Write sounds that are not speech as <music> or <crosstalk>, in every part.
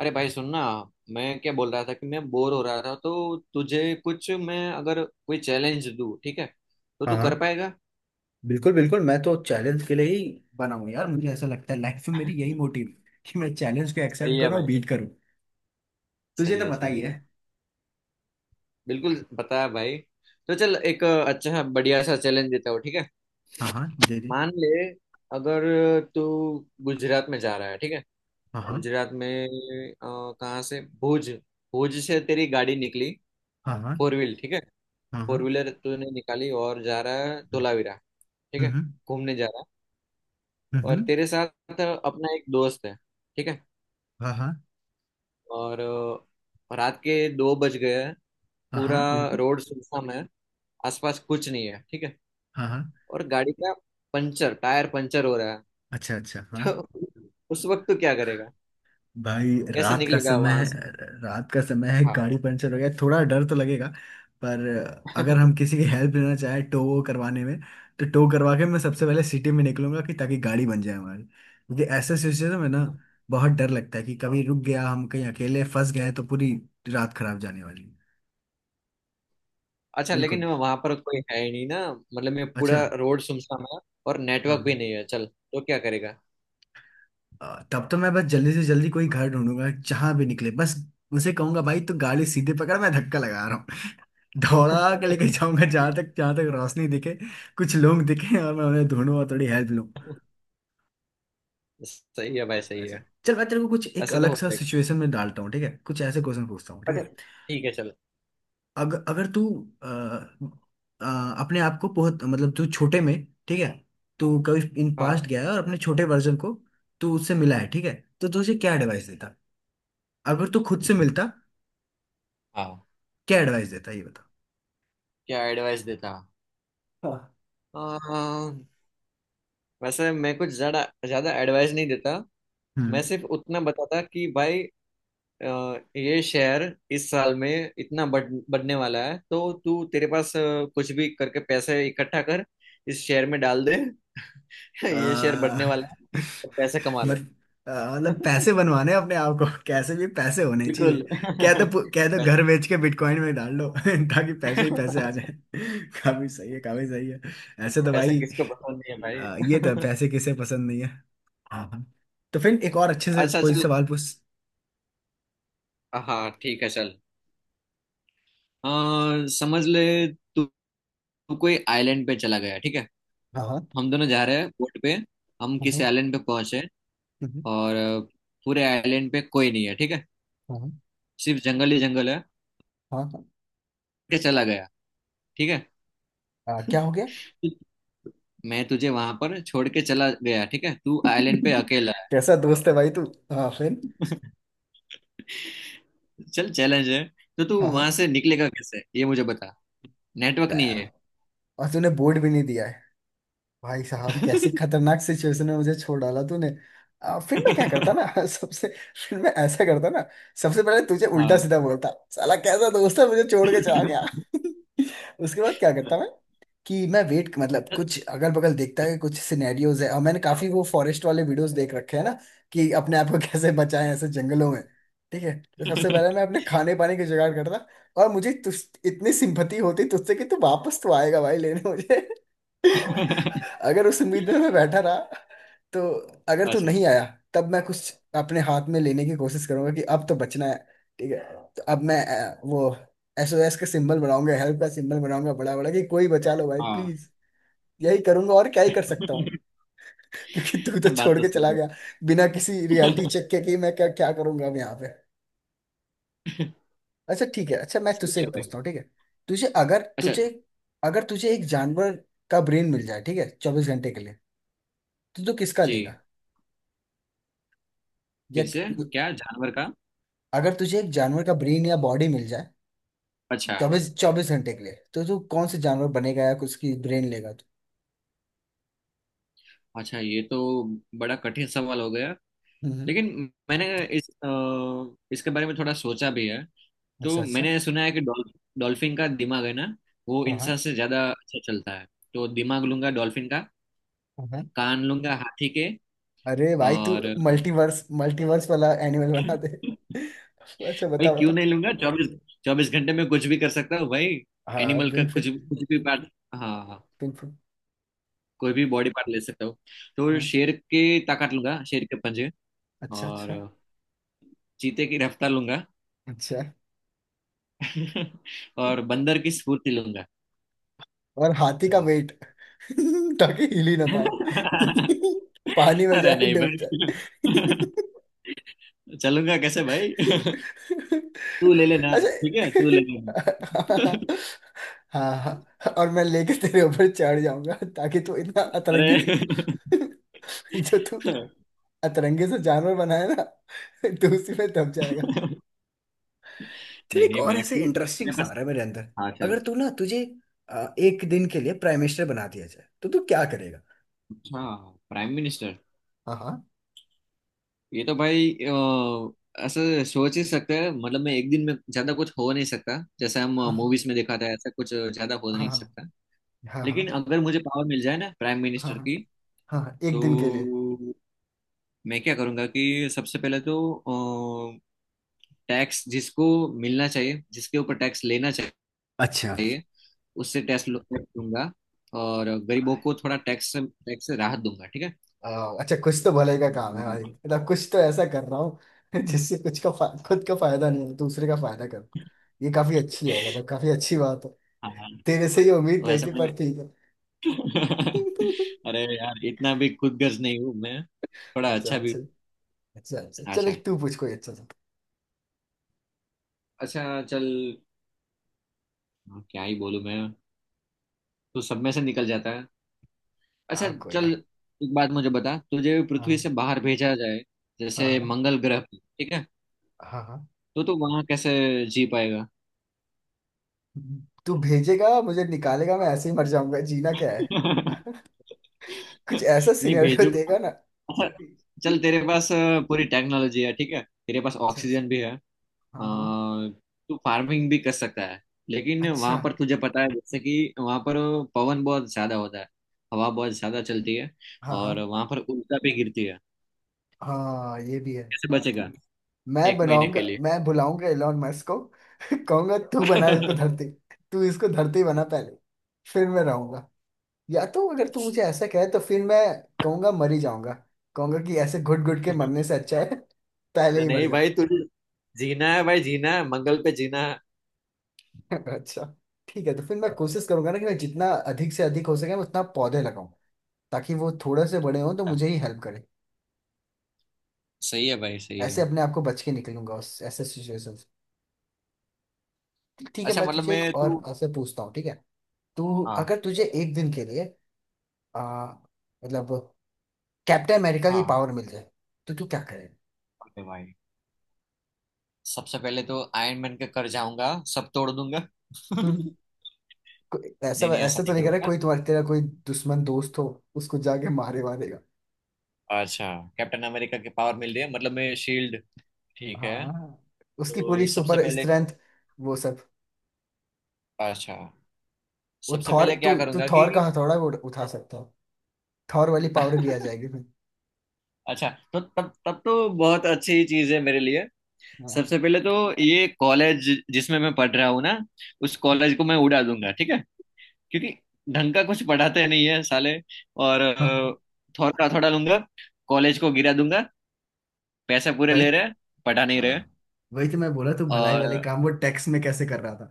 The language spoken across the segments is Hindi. अरे भाई सुनना। मैं क्या बोल रहा था कि मैं बोर हो रहा था, तो तुझे कुछ, मैं अगर कोई चैलेंज दूं, ठीक है? तो हाँ, तू कर हाँ, पाएगा? बिल्कुल, बिल्कुल, मैं तो चैलेंज के लिए ही बना हूं यार। मुझे ऐसा लगता है लाइफ में मेरी यही मोटिव है कि मैं चैलेंज को सही एक्सेप्ट है करूं और भाई। बीट करूं। तुझे सही तो है, पता सही ही है। है। बिल्कुल बताया भाई। तो चल, एक अच्छा बढ़िया सा चैलेंज देता हूँ, ठीक है। हाँ, हाँ, दे दे। मान ले, अगर तू गुजरात में जा रहा है, ठीक है। हाँ, हाँ। गुजरात में कहाँ से, भुज। भुज से तेरी गाड़ी निकली। हाँ, हाँ। फोर व्हील, ठीक है। हाँ, हाँ। फोर व्हीलर तूने निकाली और जा रहा है हम्म। धोलावीरा। ठीक है। हम्म। घूमने जा रहा है। हम्म। और हम्म। तेरे साथ अपना एक दोस्त है, ठीक है। हाँ, हाँ। और रात के दो बज गए हैं। हाँ, पूरा हाँ, बिल्कुल। रोड सुनसान है। आसपास कुछ नहीं है, ठीक है। हाँ, हाँ। और गाड़ी का पंचर, टायर पंचर हो रहा अच्छा, अच्छा। हाँ। है। <laughs> तो उस वक्त तो क्या करेगा? भाई, कैसे रात का निकलेगा समय वहां है। से? रात का समय है, हाँ। गाड़ी पंचर हो गया, थोड़ा डर तो लगेगा। पर अगर हम किसी की <laughs> हेल्प लेना चाहे, टो करवाने में, तो टो करवा के मैं सबसे पहले सिटी में निकलूंगा कि ताकि गाड़ी बन जाए हमारी, क्योंकि ऐसे सिचुएशन में ना बहुत डर लगता है कि कभी रुक गया, हम कहीं अकेले फंस गए तो पूरी रात खराब जाने वाली है। अच्छा, लेकिन बिल्कुल। वहां पर कोई है ही नहीं ना, मतलब मैं, अच्छा। पूरा रोड सुनसान है। और नेटवर्क भी हाँ। नहीं है, चल तो क्या करेगा? तब तो मैं बस जल्दी से जल्दी कोई घर ढूंढूंगा, जहां भी निकले बस। उनसे कहूंगा, भाई तू गाड़ी सीधे पकड़, मैं धक्का लगा रहा हूँ। <laughs> दौड़ा के <laughs> लेके जाऊंगा जहां तक रोशनी दिखे, कुछ लोग दिखे, और मैं उन्हें ढूंढूं और थोड़ी हेल्प लूं। सही है भाई, सही अच्छा, है। चल मैं तेरे को कुछ एक ऐसा तो अलग हो सा जाएगा। सिचुएशन में डालता हूँ, ठीक है? कुछ ऐसे क्वेश्चन पूछता हूँ, ठीक अच्छा, है? ठीक है, चल। अगर तू अ, अ, अपने आप को बहुत, मतलब तू छोटे में, ठीक है, तू कभी इन पास्ट हाँ गया है और अपने छोटे वर्जन को, तू उससे मिला है, ठीक है? तो तू उसे क्या एडवाइस देता, अगर तू खुद से मिलता? हाँ। क्या एडवाइस देता, ये बता। क्या एडवाइस देता? हाँ। आ, वैसे मैं कुछ ज्यादा ज्यादा एडवाइस नहीं देता। मैं हम्म। सिर्फ उतना बताता कि भाई, अ, ये शेयर इस साल में इतना बढ़ने वाला है, तो तू तेरे पास कुछ भी करके पैसे इकट्ठा कर, इस शेयर में डाल दे। <laughs> आ, ये <laughs> शेयर बढ़ने वाला है तो पैसे कमा ले। मत आ, मतलब <laughs> पैसे बनवाने हैं अपने आप को, कैसे भी पैसे होने चाहिए। बिल्कुल। <laughs> कह दो पैसे। घर बेच के बिटकॉइन में डाल लो। <laughs> ताकि पैसे ही पैसे आ <laughs> जाए। <laughs> काफी सही है, काफी सही है। ऐसे तो पैसे भाई। किसको पसंद नहीं है ये तो है, भाई? पैसे किसे पसंद नहीं है। हाँ, हाँ। तो फिर एक और अच्छे <laughs> से अच्छा कोई चल। सवाल पूछ। हाँ ठीक है चल। अ, समझ ले, तू तू कोई आइलैंड पे चला गया, ठीक है। हाँ, हाँ। हम दोनों जा रहे हैं बोट पे। हम हाँ। किसी आइलैंड पे पहुंचे। हम्म, और पूरे आइलैंड पे कोई नहीं है, ठीक है। हाँ, हाँ। सिर्फ जंगल ही जंगल है। हाँ, हाँ, के चला गया, ठीक है। हाँ, क्या हो गया? तु- मैं तुझे वहां पर छोड़ के चला गया, ठीक है, तू आइलैंड पे <laughs> अकेला है। कैसा दोस्त है भाई तू? हाँ, फिर? <laughs> चल, चैलेंज है। तो तू हाँ, वहां से निकलेगा कैसे, ये मुझे बता। नेटवर्क नहीं है। हाँ, और तूने बोर्ड भी नहीं दिया। भाई साहब, कैसी खतरनाक सिचुएशन में मुझे छोड़ डाला तूने। फिर मैं क्या करता ना? <laughs> <laughs> सबसे फिर मैं ऐसा करता ना, सबसे पहले तुझे उल्टा हाँ। सीधा बोलता, साला कैसा दोस्त है, मुझे छोड़ के चला गया। <laughs> उसके बाद क्या करता मैं? कि मैं वेट, मतलब कुछ अगल बगल देखता है, कुछ सिनेरियोज है, और मैंने काफी वो फॉरेस्ट वाले वीडियोस देख रखे हैं ना, कि अपने आप को <laughs> कैसे बचाएं ऐसे जंगलों में। ठीक है, तो सबसे पहले मैं अपने <laughs> खाने पानी के जुगाड़ करता। और मुझे तुझ इतनी सिंपथी होती तुझसे कि तू वापस तो आएगा भाई, लेने मुझे। <laughs> अगर उस उम्मीद में मैं बैठा रहा, तो अगर तू अच्छा। नहीं आया, तब मैं कुछ अपने हाथ में लेने की कोशिश करूंगा, कि अब तो बचना है। ठीक है, तो अब मैं वो SOS का सिंबल बनाऊंगा, हेल्प का सिंबल बनाऊंगा, बड़ा बड़ा, कि कोई बचा लो भाई हाँ प्लीज। यही करूंगा, और क्या ही कर सकता हूँ। <laughs> क्योंकि तू तो <laughs> बात छोड़ तो के सही चला है। गया, बिना किसी रियलिटी चेक के <laughs> कि मैं क्या क्या करूंगा अब यहाँ पे। अच्छा, ठीक है। अच्छा, मैं सही तुझसे है एक भाई। पूछता हूँ, ठीक है? तुझे अगर अच्छा। तुझे अगर तुझे एक जानवर का ब्रेन मिल जाए, ठीक है, 24 घंटे के लिए, तो तू किसका जी? लेगा? या फिर से? क्या जानवर का? अगर तुझे एक जानवर का ब्रेन या बॉडी मिल जाए, अच्छा चौबीस चौबीस घंटे के लिए, तो तू कौन से जानवर बनेगा या उसकी ब्रेन लेगा तू? अच्छा, ये तो बड़ा कठिन सवाल हो गया। हम्म। लेकिन मैंने इस अ, इसके बारे में थोड़ा सोचा भी है। अच्छा, तो अच्छा। मैंने सुना है कि डॉल्फिन का दिमाग है ना, वो हाँ, इंसान हाँ। से ज्यादा अच्छा चलता है। तो दिमाग लूंगा डॉल्फिन का। हाँ। कान लूंगा हाथी के। अरे भाई तू, और मल्टीवर्स मल्टीवर्स वाला एनिमल बना दे। <clears throat> <laughs> अच्छा, भाई बता बता। क्यों नहीं लूंगा? चौबीस चौबीस घंटे में कुछ भी कर सकता हूँ भाई। हाँ, एनिमल का कुछ विनफिट। कुछ भी पार्ट। हाँ हाँ। विनफिट। कोई भी बॉडी पार्ट ले सकता हूँ। तो हाँ। शेर की ताकत लूंगा, शेर के पंजे। अच्छा, और अच्छा। चीते की रफ्तार लूंगा। अच्छा। <laughs> और बंदर की स्फूर्ति लूंगा। और हाथी का वेट, <laughs> ताकि हिल ही ना पाए। हाँ <laughs> पानी <laughs> में अरे जाए, नहीं डूब जाए। <laughs> भाई। <laughs> चलूंगा कैसे भाई? <laughs> तू ले <laughs> लेना। अच्छा। ठीक है, तू ले लेना। <laughs> हाँ, हाँ, और मैं लेके तेरे ऊपर चढ़ जाऊंगा, ताकि तू इतना अतरंगी। अरे। <laughs> जो तू <laughs> अतरंगे से जानवर बनाए ना, तो उसी में दब जाएगा। फिर नहीं एक नहीं, और मैं ऐसे क्यों? इंटरेस्टिंग मेरे सा आ पास। रहा है मेरे अंदर। हाँ अगर चल। तू ना, तुझे एक दिन के लिए प्राइम मिनिस्टर बना दिया जाए, तो तू क्या करेगा? अच्छा, प्राइम मिनिस्टर। हाँ, ये तो भाई ऐसे सोच ही सकते हैं, मतलब मैं एक दिन में ज्यादा कुछ हो नहीं सकता, जैसे हम हाँ। मूवीज में दिखाते हैं ऐसा कुछ ज्यादा हो हाँ, नहीं हाँ। सकता। हाँ, लेकिन हाँ। अगर मुझे पावर मिल जाए ना प्राइम हाँ, मिनिस्टर हाँ। की, हाँ, एक दिन के लिए। तो मैं क्या करूंगा कि सबसे पहले तो टैक्स जिसको मिलना चाहिए, जिसके ऊपर टैक्स लेना अच्छा। चाहिए, उससे टैक्स लूंगा, और गरीबों को थोड़ा टैक्स से राहत दूंगा, ठीक है। आओ, अच्छा, कुछ तो भले का काम है भाई, <laughs> मतलब कुछ तो ऐसा कर रहा हूँ <laughs> जिससे खुद का फायदा नहीं हो, दूसरे का फायदा करो। ये काफी अच्छी है, मतलब काफी अच्छी बात है। हाँ तेरे से ये उम्मीद नहीं वैसे थी, मैं। पर ठीक है। <laughs> अरे <laughs> यार, इतना भी खुद गर्ज नहीं हूँ मैं। थोड़ा अच्छा, अच्छा भी अच्छा। हूँ। अच्छा, अच्छा चल, अच्छा एक तू पूछ कोई अच्छा सा। अच्छा चल। क्या ही बोलूँ मैं? तू सब में से निकल जाता है। अच्छा हाँ, कोई ना। चल। एक बात मुझे बता, तुझे पृथ्वी हाँ, से बाहर भेजा जाए, हाँ। जैसे हाँ, मंगल ग्रह पे, ठीक है। हाँ। हाँ। तो तू वहां कैसे जी पाएगा? तू भेजेगा, मुझे निकालेगा, मैं ऐसे ही मर जाऊंगा, जीना क्या है? <laughs> कुछ ऐसा नहीं सिनेरियो भेजूंगा। देगा ना। <laughs> अच्छा चल, तेरे पास पूरी टेक्नोलॉजी है, ठीक है। तेरे पास अच्छा, अच्छा। ऑक्सीजन भी है। हाँ, हाँ। अ, तू फार्मिंग भी कर सकता है। लेकिन अच्छा। वहां पर तुझे पता है, जैसे कि वहां पर पवन बहुत ज्यादा होता है, हवा बहुत ज्यादा चलती है, हाँ, और हाँ। वहां पर उल्टा भी गिरती है। हाँ, ये भी है। कैसे बचेगा? एक महीने के लिए। मैं बुलाऊंगा एलोन मस्क को। <laughs> कहूंगा, <laughs> तू इसको धरती बना पहले, फिर मैं रहूंगा। या तो अगर तू मुझे ऐसा कहे, तो फिर मैं कहूंगा मर ही जाऊंगा। कहूंगा कि ऐसे घुट घुट के मरने से अच्छा है, <laughs> पहले अरे ही मर नहीं जाओ। भाई, तुझे जीना है भाई, जीना है, मंगल पे जीना है। <laughs> अच्छा, ठीक है। तो फिर मैं कोशिश करूंगा ना, कि मैं जितना अधिक से अधिक हो सके, मैं उतना पौधे लगाऊं, ताकि वो थोड़े से बड़े हों तो मुझे ही हेल्प करे। सही है भाई, सही ऐसे है। अपने आप को बच के निकलूंगा उस ऐसे सिचुएशन से। ठीक है, अच्छा, मैं मतलब तुझे एक मैं, और तू। ऐसे पूछता हूँ, ठीक है? तू हाँ अगर तुझे एक दिन के लिए, आ, मतलब कैप्टन अमेरिका की हाँ। पावर मिल जाए, तो तू क्या करे? ओके भाई, सबसे पहले तो आयरन मैन के कर जाऊंगा, सब तोड़ दूंगा। <laughs> हम्म, नहीं। ऐसा नहीं, ऐसा ऐसा तो नहीं नहीं करे, करूंगा। कोई तुम्हारा तेरा कोई दुश्मन दोस्त हो, उसको जाके मारेगा? अच्छा, कैप्टन अमेरिका की पावर मिल रही है, मतलब मैं शील्ड, ठीक है। हाँ, उसकी पूरी तो सबसे सुपर पहले। स्ट्रेंथ, वो सब। अच्छा, वो सबसे थॉर, पहले तू क्या तू करूंगा कि। थॉर का हथौड़ा भी उठा सकता हो, थॉर वाली पावर भी आ जाएगी <laughs> फिर। अच्छा, तो तब तब तो बहुत अच्छी चीज है मेरे लिए। हाँ, सबसे पहले तो ये कॉलेज जिसमें मैं पढ़ रहा हूँ ना, उस कॉलेज को मैं उड़ा दूंगा, ठीक है। क्योंकि ढंग का कुछ पढ़ाते नहीं है साले। और हाँ। थोड़ा थोड़ा लूंगा। कॉलेज को गिरा दूंगा। पैसे पूरे भाई, ले रहे, पढ़ा नहीं रहे। हाँ, वही तो मैं बोला, तू भलाई वाले और काम वो टैक्स में कैसे कर रहा था।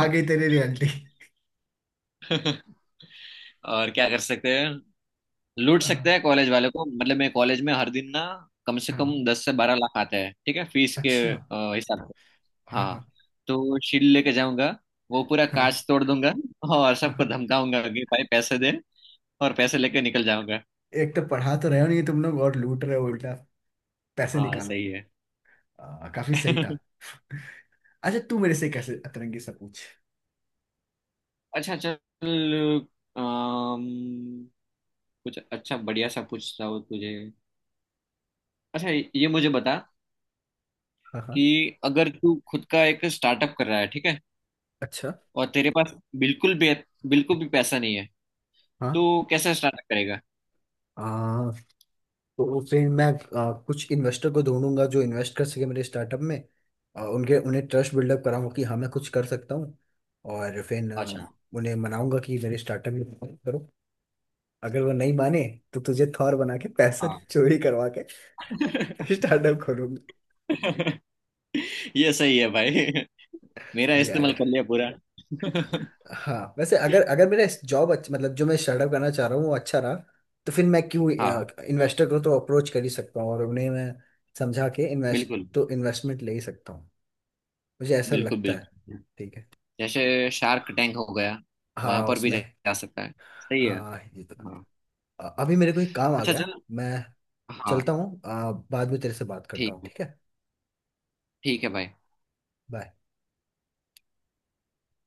आ गई तेरी रियलिटी। और क्या कर सकते हैं? लूट हाँ, सकते हैं कॉलेज वाले को, मतलब मैं कॉलेज में हर दिन ना कम से कम हाँ। 10 से 12 लाख आते हैं, ठीक है, फीस के अच्छा। हिसाब से। हाँ हाँ, हाँ। हाँ। तो शील्ड लेके जाऊंगा, वो पूरा हाँ, कांच तोड़ दूंगा, और सबको हाँ। धमकाऊंगा कि भाई पैसे दे, और पैसे लेके निकल जाऊंगा। एक तो पढ़ा तो रहे हो नहीं तुम लोग, और लूट रहे हो उल्टा। पैसे हाँ निकालो। सही है। काफी सही था। <laughs> अच्छा, तू मेरे से कैसे अतरंगी सा पूछ। अच्छा चल। अम, कुछ अच्छा बढ़िया सा पूछता हूँ तुझे। अच्छा, ये मुझे बता हाँ, हाँ। कि अगर तू खुद का एक स्टार्टअप कर रहा है, ठीक है, अच्छा। और तेरे पास बिल्कुल भी बिल्कुल भी पैसा नहीं है, हाँ। तो कैसे स्टार्टअप करेगा? आ, तो फिर मैं कुछ इन्वेस्टर को ढूंढूंगा, जो इन्वेस्ट कर सके मेरे स्टार्टअप में। उनके उन्हें ट्रस्ट बिल्डअप कराऊंगा, कि हाँ मैं कुछ कर सकता हूँ। और फिर अच्छा। उन्हें मनाऊंगा कि मेरे स्टार्टअप में invest करो। अगर वो नहीं माने, तो तुझे थॉर बना के पैसा हाँ। चोरी करवा के <laughs> <laughs> स्टार्टअप खोलूंगा। ये सही है भाई, मेरा इस्तेमाल यार, कर लिया पूरा। <laughs> हाँ वैसे, अगर अगर मेरा जॉब अच्छा, मतलब जो मैं स्टार्टअप करना चाह रहा हूँ वो अच्छा रहा, तो फिर मैं क्यों, हाँ इन्वेस्टर को तो अप्रोच कर ही सकता हूँ, और उन्हें मैं समझा के बिल्कुल, इन्वेस्टमेंट ले ही सकता हूँ। मुझे ऐसा बिल्कुल लगता है। बिल्कुल। ठीक है। जैसे शार्क टैंक हो गया, वहां हाँ, पर भी जा उसमें। जा सकता है। सही है। हाँ, ये तो। हाँ, अभी मेरे को एक काम आ अच्छा गया, चल। मैं हाँ चलता हूँ। बाद में तेरे से बात करता ठीक हूँ, है। ठीक है? ठीक है भाई। बाय।